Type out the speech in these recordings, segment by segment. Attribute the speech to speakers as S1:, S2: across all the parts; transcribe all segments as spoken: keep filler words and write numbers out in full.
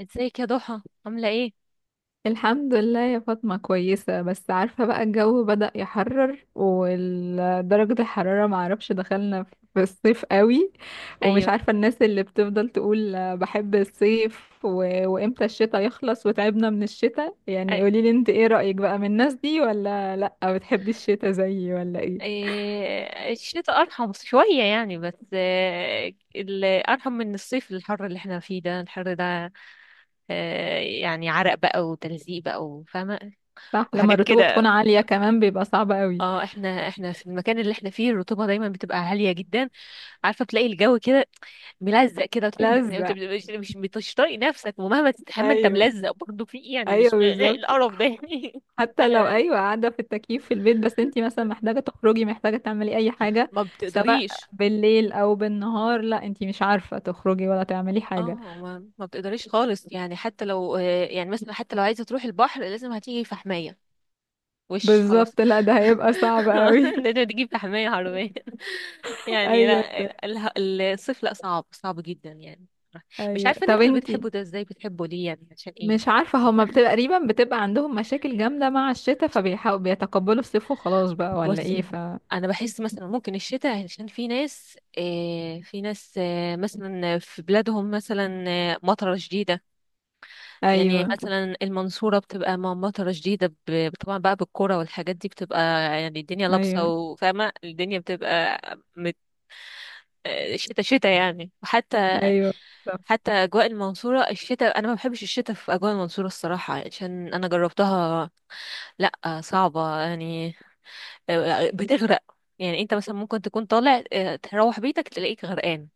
S1: ازيك يا ضحى عاملة ايه؟
S2: الحمد لله يا فاطمة، كويسة. بس عارفة بقى الجو بدأ يحرر ودرجة الحرارة معرفش دخلنا في الصيف قوي. ومش
S1: ايوه.
S2: عارفة الناس اللي بتفضل تقول بحب الصيف و... وامتى الشتاء يخلص وتعبنا من الشتاء. يعني
S1: أي-
S2: قوليلي انت ايه رأيك بقى من الناس دي ولا لأ؟ بتحبي الشتاء زيي ولا ايه؟
S1: إيه، الشتاء ارحم شوية يعني، بس آه، ال- ارحم من الصيف الحر اللي احنا فيه ده، الحر ده. آه، يعني عرق بقى وتلزيق بقى وفاهمة
S2: صح، لما
S1: وحاجات
S2: الرطوبة بتكون
S1: كده.
S2: عالية كمان بيبقى صعب قوي.
S1: اه، احنا احنا في المكان اللي احنا فيه الرطوبة دايما بتبقى عالية جدا. عارفة بتلاقي الجو كده ملزق كده، وتحس ان انت
S2: لزق.
S1: بت- مش مش مش طايق نفسك، ومهما تستحمى انت
S2: ايوه.
S1: ملزق برضه في ايه يعني،
S2: ايوه
S1: مش
S2: بالظبط.
S1: القرف ده يعني لا.
S2: حتى لو
S1: لا،
S2: ايوه قاعده في التكييف في البيت، بس انتي مثلا محتاجه تخرجي، محتاجه تعملي اي حاجه
S1: ما
S2: سواء
S1: بتقدريش.
S2: بالليل او بالنهار، لا انتي مش عارفه تخرجي ولا تعملي حاجه.
S1: اه، ما, ما بتقدريش خالص، يعني حتى لو آه، يعني مثلا حتى لو عايزه تروحي البحر لازم هتيجي في حمايه وش خلاص.
S2: بالظبط، لا ده هيبقى صعب قوي.
S1: لازم تجيب في حمايه حرفيا. يعني
S2: ايوه
S1: لا،
S2: ده-
S1: ال- ال- الصيف لا، صعب صعب جدا يعني. مش
S2: ايوه
S1: عارفه الناس
S2: طب
S1: اللي
S2: انتي.
S1: بتحبوا ده ازاي، بتحبوا ليه يعني، عشان ايه
S2: مش
S1: مش عارفه.
S2: عارفه، هما بتبقى تقريبا بتبقى عندهم مشاكل جامده مع الشتاء فبيحاولوا بيتقبلوا الصيف وخلاص بقى، ولا
S1: بس
S2: ايه؟ ف
S1: انا بحس مثلا ممكن الشتاء، عشان في ناس آه، في ناس آه، مثلا في بلادهم مثلا آه، مطره شديده. يعني
S2: ايوه.
S1: مثلا المنصورة بتبقى مع مطرة شديدة، ب- طبعا بقى بالكرة والحاجات دي بتبقى، يعني الدنيا لابسة
S2: ايوه.
S1: وفاهمة الدنيا بتبقى مت... شتا شتا يعني. وحتى
S2: ايوه.
S1: حتى أجواء المنصورة الشتاء، أنا ما بحبش الشتاء في أجواء المنصورة الصراحة، عشان أنا جربتها. لأ صعبة يعني، آه، بتغرق. يعني أنت مثلا ممكن تكون طالع آه، تروح بيتك تلاقيك غرقان.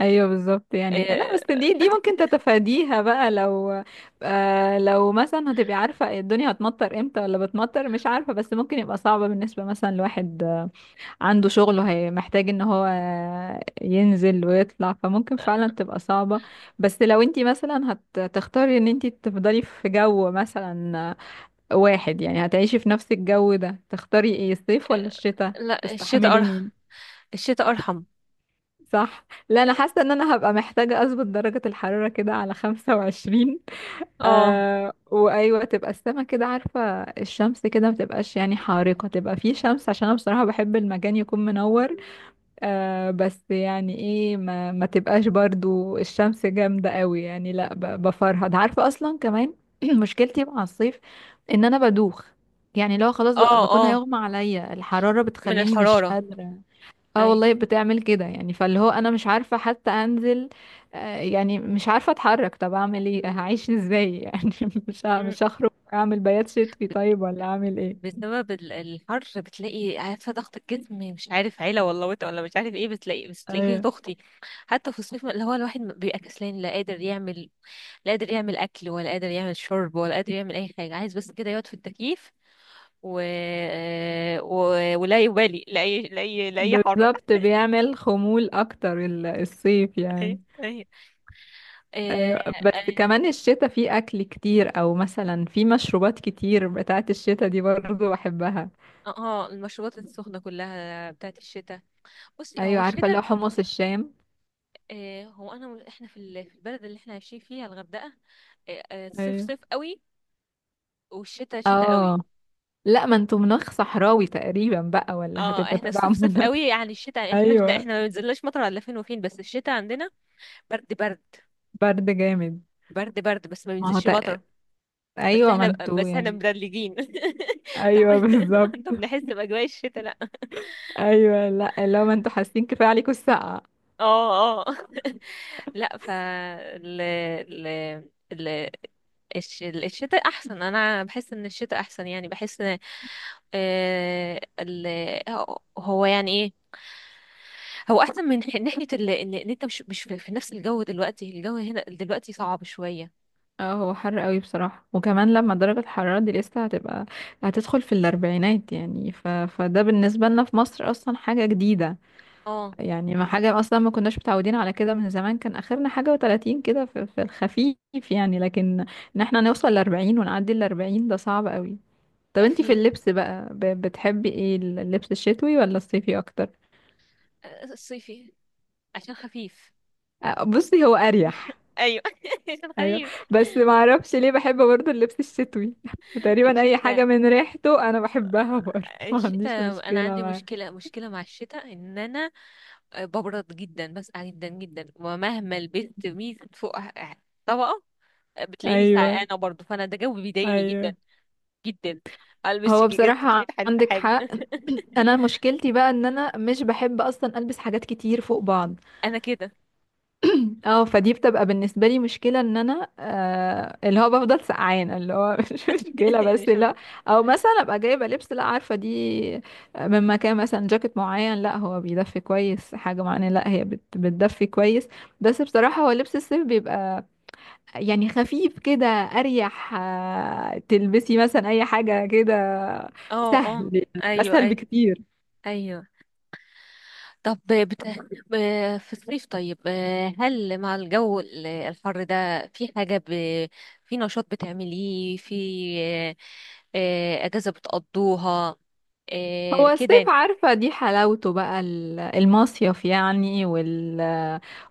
S2: ايوه بالظبط. يعني لا بس دي دي ممكن تتفاديها بقى، لو آه لو مثلا هتبقي عارفه الدنيا هتمطر امتى ولا بتمطر، مش عارفه. بس ممكن يبقى صعبه بالنسبه مثلا لواحد آه، عنده شغل وهي محتاج ان هو آه، ينزل ويطلع، فممكن فعلا تبقى صعبه. بس لو انتي مثلا هتختاري ان انتي تفضلي في جو مثلا آه، واحد، يعني هتعيشي في نفس الجو ده، تختاري ايه، الصيف ولا الشتاء؟
S1: لا، الشتاء
S2: تستحملي
S1: أرحم،
S2: مين؟
S1: الشتاء أرحم.
S2: صح. لا انا حاسه ان انا هبقى محتاجه اظبط درجه الحراره كده على خمسة وعشرين.
S1: اه،
S2: آه، وايوه تبقى السما كده، عارفه الشمس كده ما تبقاش يعني حارقه، تبقى في شمس عشان انا بصراحه بحب المكان يكون منور. آه، بس يعني ايه، ما, ما تبقاش برضو الشمس جامده قوي يعني. لا ب- بفرهد، عارفه اصلا كمان مشكلتي مع الصيف ان انا بدوخ. يعني لو خلاص بقى-
S1: اه،
S2: بكون
S1: اه،
S2: هيغمى عليا، الحراره
S1: من
S2: بتخليني مش
S1: الحرارة،
S2: قادره. اه
S1: اي.
S2: والله بتعمل كده يعني، فاللي هو انا مش عارفة حتى انزل. آه، يعني مش عارفة اتحرك، طب اعمل ايه؟ هعيش ازاي يعني؟ مش ه-
S1: مم.
S2: مش هخرج، اعمل بيات شتوي طيب ولا اعمل ايه؟
S1: بسبب ال- الحر بتلاقي، عارفة، ضغط الجسم، مش عارف عيلة ولا وطء ولا مش عارف ايه، بتلاقي بس تلاقي
S2: ايوه
S1: تخطي. حتى في الصيف اللي هو الواحد بيبقى كسلان، لا قادر يعمل لا قادر يعمل أكل ولا قادر يعمل شرب ولا قادر يعمل أي حاجة، عايز بس كده يقعد في التكييف و... و... ولا يبالي لأي لأي لأي حر.
S2: بالظبط، بيعمل خمول اكتر ال- الصيف
S1: أي،
S2: يعني.
S1: أي،
S2: ايوه، بس
S1: اه.
S2: كمان الشتاء فيه اكل كتير او مثلا فيه مشروبات كتير بتاعت الشتاء دي برضو بحبها.
S1: آه، آه، المشروبات السخنة كلها بتاعت الشتاء. بصي، هو
S2: ايوه عارفة،
S1: الشتاء،
S2: اللي هو حمص الشام.
S1: آه، هو انا مل- احنا في ال- في البلد اللي احنا عايشين فيها الغردقه، آه، آه، صيف
S2: ايوه.
S1: صيف قوي، والشتاء شتاء قوي.
S2: اه لا، ما انتوا مناخ صحراوي تقريبا بقى، ولا
S1: اه،
S2: هتبقوا
S1: احنا
S2: تبع
S1: الصيف صيف
S2: مناخ؟
S1: قوي، يعني الشتاء احنا مش-
S2: ايوه.
S1: احنا ما بنزلناش مطر الا فين وفين، بس الشتاء عندنا برد برد،
S2: برد جامد.
S1: برد برد، بس ما
S2: ما هو
S1: بينزلش
S2: تق...
S1: مطر. بس
S2: ايوه، ما
S1: احنا،
S2: انتوا
S1: بس احنا
S2: يعني.
S1: مدلجين. طب
S2: ايوه بالظبط.
S1: طب نحس باجواء الشتاء لا.
S2: ايوه لا، لو ما انتوا حاسين كفايه عليكم السقعه.
S1: اه اه. لا، ف ال ال ال الش- الشتاء احسن، انا بحس ان الشتاء احسن يعني، بحس ان آه، ال هو يعني ايه، هو احسن من ح- ناحيه ال- ان إن انت مش مش في في نفس الجو دلوقتي. الجو هنا دلوقتي صعب شويه.
S2: اه هو حر قوي بصراحه، وكمان لما درجه الحراره دي لسه هتبقى، هتدخل في الاربعينات يعني. ف... فده بالنسبه لنا في مصر اصلا حاجه جديده.
S1: اه.
S2: يعني ما حاجه اصلا، ما كناش متعودين على كده، من زمان كان اخرنا حاجه وتلاتين كده في... في الخفيف يعني. لكن ان احنا نوصل لأربعين ونعدي الأربعين، ده صعب قوي. طب
S1: لا،
S2: انتي في
S1: فيه
S2: اللبس بقى، ب- بتحبي ايه، اللبس الشتوي ولا الصيفي اكتر؟
S1: آه، الصيفي عشان خفيف.
S2: آه، بصي هو اريح.
S1: ايوه عشان
S2: ايوه،
S1: خفيف.
S2: بس ما اعرفش ليه بحب برضه اللبس الشتوي تقريبا اي حاجه
S1: الشتاء
S2: من ريحته انا بحبها برضه ما عنديش
S1: الشتاء انا
S2: مشكله
S1: عندي
S2: معاه.
S1: مشكله مشكله مع الشتاء، ان انا ببرد جدا، بسقع جدا جدا، ومهما لبست ميزة فوق طبقة بتلاقيني
S2: ايوه.
S1: سقعانة برضو. فأنا ده جو بيضايقني جدا
S2: ايوه
S1: جدا، ألبس
S2: هو
S1: جيجات تلتمية
S2: بصراحه
S1: ألف
S2: عندك
S1: حاجة.
S2: حق. انا مشكلتي بقى ان انا مش بحب اصلا البس حاجات كتير فوق بعض.
S1: أنا كده.
S2: اه، فدي بتبقى بالنسبه لي مشكله، ان انا آه اللي هو بفضل سقعانه اللي هو مش مشكله بس.
S1: مش عارفة.
S2: لا، او مثلا ابقى جايبه لبس، لا عارفه دي من مكان مثلا، جاكيت معين لا هو بيدفي كويس، حاجه معينه لا هي بت بتدفي كويس. بس بصراحه هو لبس الصيف بيبقى يعني خفيف كده، اريح. آه تلبسي مثلا اي حاجه كده
S1: اه، اه،
S2: سهل،
S1: أيوه،
S2: اسهل
S1: أيوه،
S2: بكتير.
S1: أيوه. طب بت... ب- في الصيف طيب، آه، هل مع الجو ال- الحر ده في حاجة ب... في نشاط بتعمليه في آه، آه، أجازة بتقضوها، آه،
S2: هو
S1: كده
S2: الصيف
S1: يعني.
S2: عارفة، دي حلاوته بقى ال- المصيف يعني، وال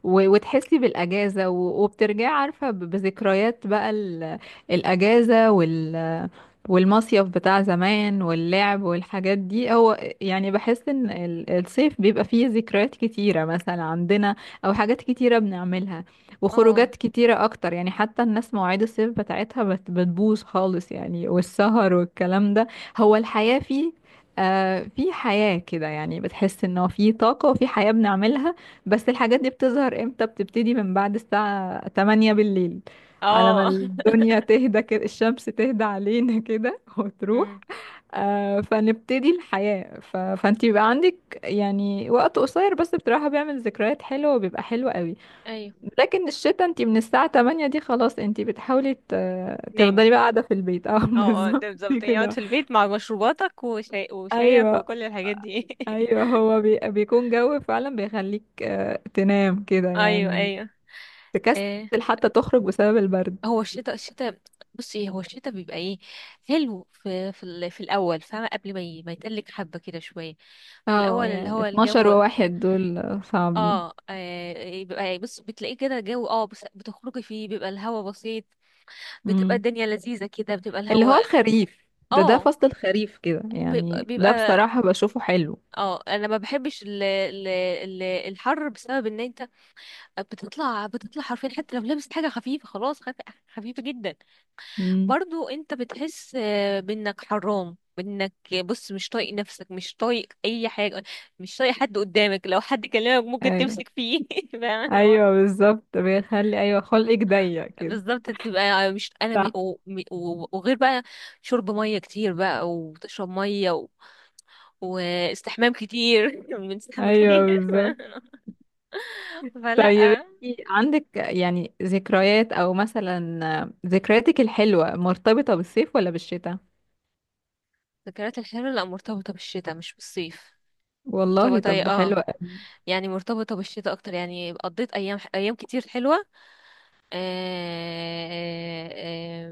S2: و- وتحسي بالأجازة و- وبترجعي عارفة ب- بذكريات بقى ال- الأجازة وال والمصيف بتاع زمان واللعب والحاجات دي. هو يعني بحس ان ال- الصيف بيبقى فيه ذكريات كتيرة مثلا عندنا، او حاجات كتيرة بنعملها،
S1: اه،
S2: وخروجات كتيرة اكتر يعني. حتى الناس مواعيد الصيف بتاعتها بت- بتبوظ خالص يعني، والسهر والكلام ده. هو الحياة فيه، آه في حياة كده يعني، بتحس انه في طاقة وفي حياة بنعملها. بس الحاجات دي بتظهر امتى؟ بتبتدي من بعد الساعة تمانية بالليل، على ما
S1: اه.
S2: الدنيا تهدى كده، الشمس تهدى علينا كده وتروح.
S1: امم.
S2: آه، فنبتدي الحياة، ف... فانت بيبقى عندك يعني وقت قصير، بس بصراحة بيعمل ذكريات حلوة وبيبقى حلو قوي.
S1: ايوه،
S2: لكن الشتا انت من الساعة تمانية دي خلاص، انت بتحاولي ت...
S1: نامي.
S2: تفضلي بقى قاعدة في البيت اه
S1: اه، اه،
S2: بالظبط
S1: ده بالظبط، يقعد
S2: كده.
S1: في البيت مع مشروباتك وشاي وشايك
S2: ايوه.
S1: وكل الحاجات دي.
S2: ايوه هو بي... بيكون جو فعلا بيخليك آه، تنام كده
S1: ايوه،
S2: يعني،
S1: ايوه، آه.
S2: تكسل حتى تخرج بسبب البرد.
S1: هو الشتاء الشتاء. بصي، هو الشتاء بيبقى ايه؟ حلو في في, ال- في الاول فاهمه، قبل ما ي- ما يتقلك، حبه كده شويه في
S2: اه
S1: الاول، اللي
S2: يعني
S1: هو
S2: 12
S1: الجو
S2: وواحد دول آه، صعبين.
S1: اه, آه بيبقى بص، بتلاقيه كده جو، اه بس بتخرجي فيه بيبقى الهوا بسيط، بتبقى
S2: امم.
S1: الدنيا لذيذه كده، بتبقى
S2: اللي
S1: الهوا
S2: هو الخريف ده، ده
S1: اه
S2: فصل الخريف كده
S1: بيبقى,
S2: يعني، ده
S1: بيبقى
S2: بصراحة بشوفه حلو.
S1: اه انا ما بحبش ال ال ال الحر، بسبب ان انت بتطلع بتطلع حرفيا، حتى لو لابس حاجه خفيفه خلاص، خف- خفيفه جدا
S2: امم.
S1: برضو انت بتحس آه، بانك حرام، بانك بص مش طايق نفسك، مش طايق اي حاجه، مش طايق حد قدامك، لو حد كلمك ممكن
S2: ايوه.
S1: تمسك فيه. فاهم اللي هو
S2: ايوه بالظبط بيخلي، ايوه خلقك ضيق كده.
S1: بالظبط، تبقى مش انا م...
S2: صح.
S1: و... م... و... وغير بقى شرب ميه كتير بقى، وتشرب ميه و... واستحمام كتير. بنستحمى كتير.
S2: ايوه بالظبط.
S1: فلا.
S2: طيب انتي عندك يعني ذكريات، او مثلا آه، ذكرياتك الحلوة مرتبطة بالصيف ولا بالشتاء؟
S1: ذكريات الحلوة لا، مرتبطة بالشتاء مش بالصيف،
S2: والله
S1: مرتبطة،
S2: طب ده حلو
S1: اه
S2: قوي.
S1: يعني مرتبطة بالشتاء أكتر، يعني قضيت أيام، أيام كتير حلوة. آه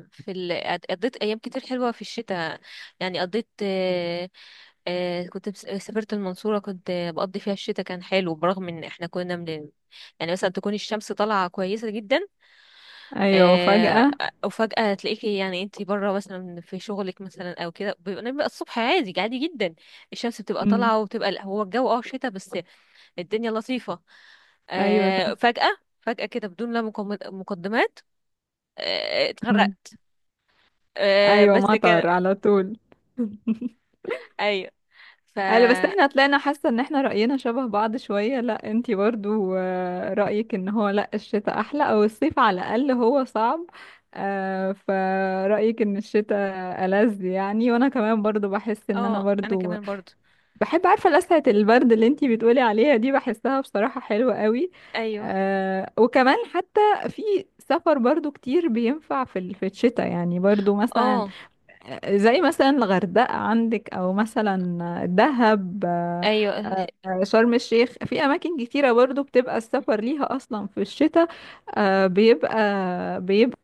S1: آه في ال... قضيت أيام كتير حلوة في الشتاء، يعني قضيت، آه آه كنت بس- سافرت المنصورة، كنت بقضي فيها الشتاء، كان حلو، برغم إن إحنا كنا من، يعني مثلا تكون الشمس طالعة كويسة جدا،
S2: ايوه
S1: آه،
S2: وفجأة.
S1: وفجأة تلاقيكي يعني انتي بره مثلا في شغلك مثلا او كده، بيبقى بيبقى الصبح عادي، عادي جدا، الشمس بتبقى
S2: امم.
S1: طالعة، وبتبقى هو الجو، اه شتا، بس الدنيا لطيفة،
S2: ايوه صح.
S1: آه، فجأة فجأة كده، بدون لا مقم- مقدمات، آه،
S2: امم.
S1: اتغرقت. آه،
S2: ايوه
S1: بس كان.
S2: مطر على طول.
S1: ايوه. ف
S2: قالوا. بس احنا طلعنا حاسه ان احنا رأينا شبه بعض شويه، لا انتي برضو آه، رأيك ان هو لا الشتاء احلى، او الصيف على الاقل هو صعب. آه، فرأيك ان الشتاء ألذ يعني. وانا كمان برضو بحس ان انا
S1: اه انا
S2: برضو
S1: كمان برضو.
S2: بحب، عارفة لسعة البرد اللي انتي بتقولي عليها دي، بحسها بصراحة حلوة قوي.
S1: ايوه،
S2: آه، وكمان حتى في سفر برضو كتير بينفع في ال- في الشتاء يعني، برضو مثلا
S1: اه،
S2: آه، زي مثلا الغردقة عندك، او مثلا دهب، آه،
S1: ايوه، الح-
S2: آه، شرم الشيخ، في اماكن كتيرة برضو بتبقى السفر ليها اصلا في الشتاء. آه بيبقى بيبقى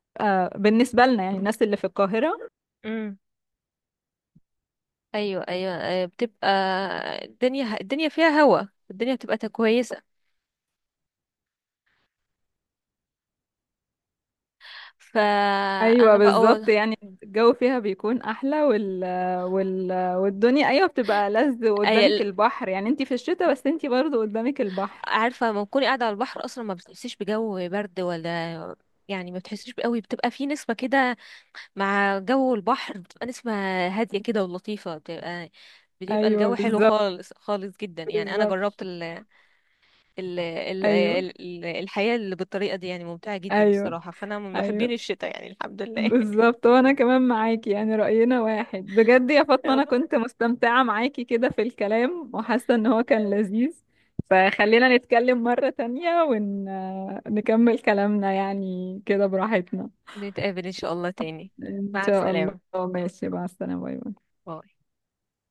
S2: بالنسبة لنا يعني الناس اللي في القاهرة.
S1: امم. ايوه، ايوه، آه، بتبقى، الدنيا الدنيا فيها هوا، الدنيا بتبقى تا- كويسة،
S2: ايوه
S1: فانا بقى،
S2: بالظبط، يعني الجو فيها بيكون احلى وال... وال... والدنيا ايوه بتبقى لذ،
S1: أي-
S2: وقدامك
S1: ال-
S2: البحر يعني، انتي في الشتاء بس انتي برضو قدامك البحر.
S1: عارفه لما تكوني قاعده على البحر اصلا ما بتحسيش بجو برد ولا، يعني ما بتحسيش قوي، بتبقى في نسمه كده مع جو البحر، بتبقى نسمه هاديه كده ولطيفه، بتبقى بتبقى الجو
S2: ايوه
S1: حلو
S2: بالظبط.
S1: خالص، خالص جدا. يعني انا
S2: بالظبط.
S1: جربت ال ال ال
S2: ايوه.
S1: ال الحياه اللي بالطريقه دي، يعني ممتعه جدا
S2: ايوه.
S1: الصراحه، فانا من محبين
S2: ايوه
S1: الشتاء يعني، الحمد لله.
S2: بالظبط. وانا كمان معاكي يعني، رأينا واحد بجد يا فاطمة، انا
S1: يلا،
S2: كنت مستمتعة معاكي كده في الكلام وحاسة ان هو كان لذيذ. فخلينا نتكلم مرة تانية ونكمل كلامنا يعني كده براحتنا.
S1: نتقابل ان شاء الله تاني.
S2: إن
S1: مع
S2: شاء الله،
S1: السلامه،
S2: ماشي، مع السلامة، باي باي.
S1: باي.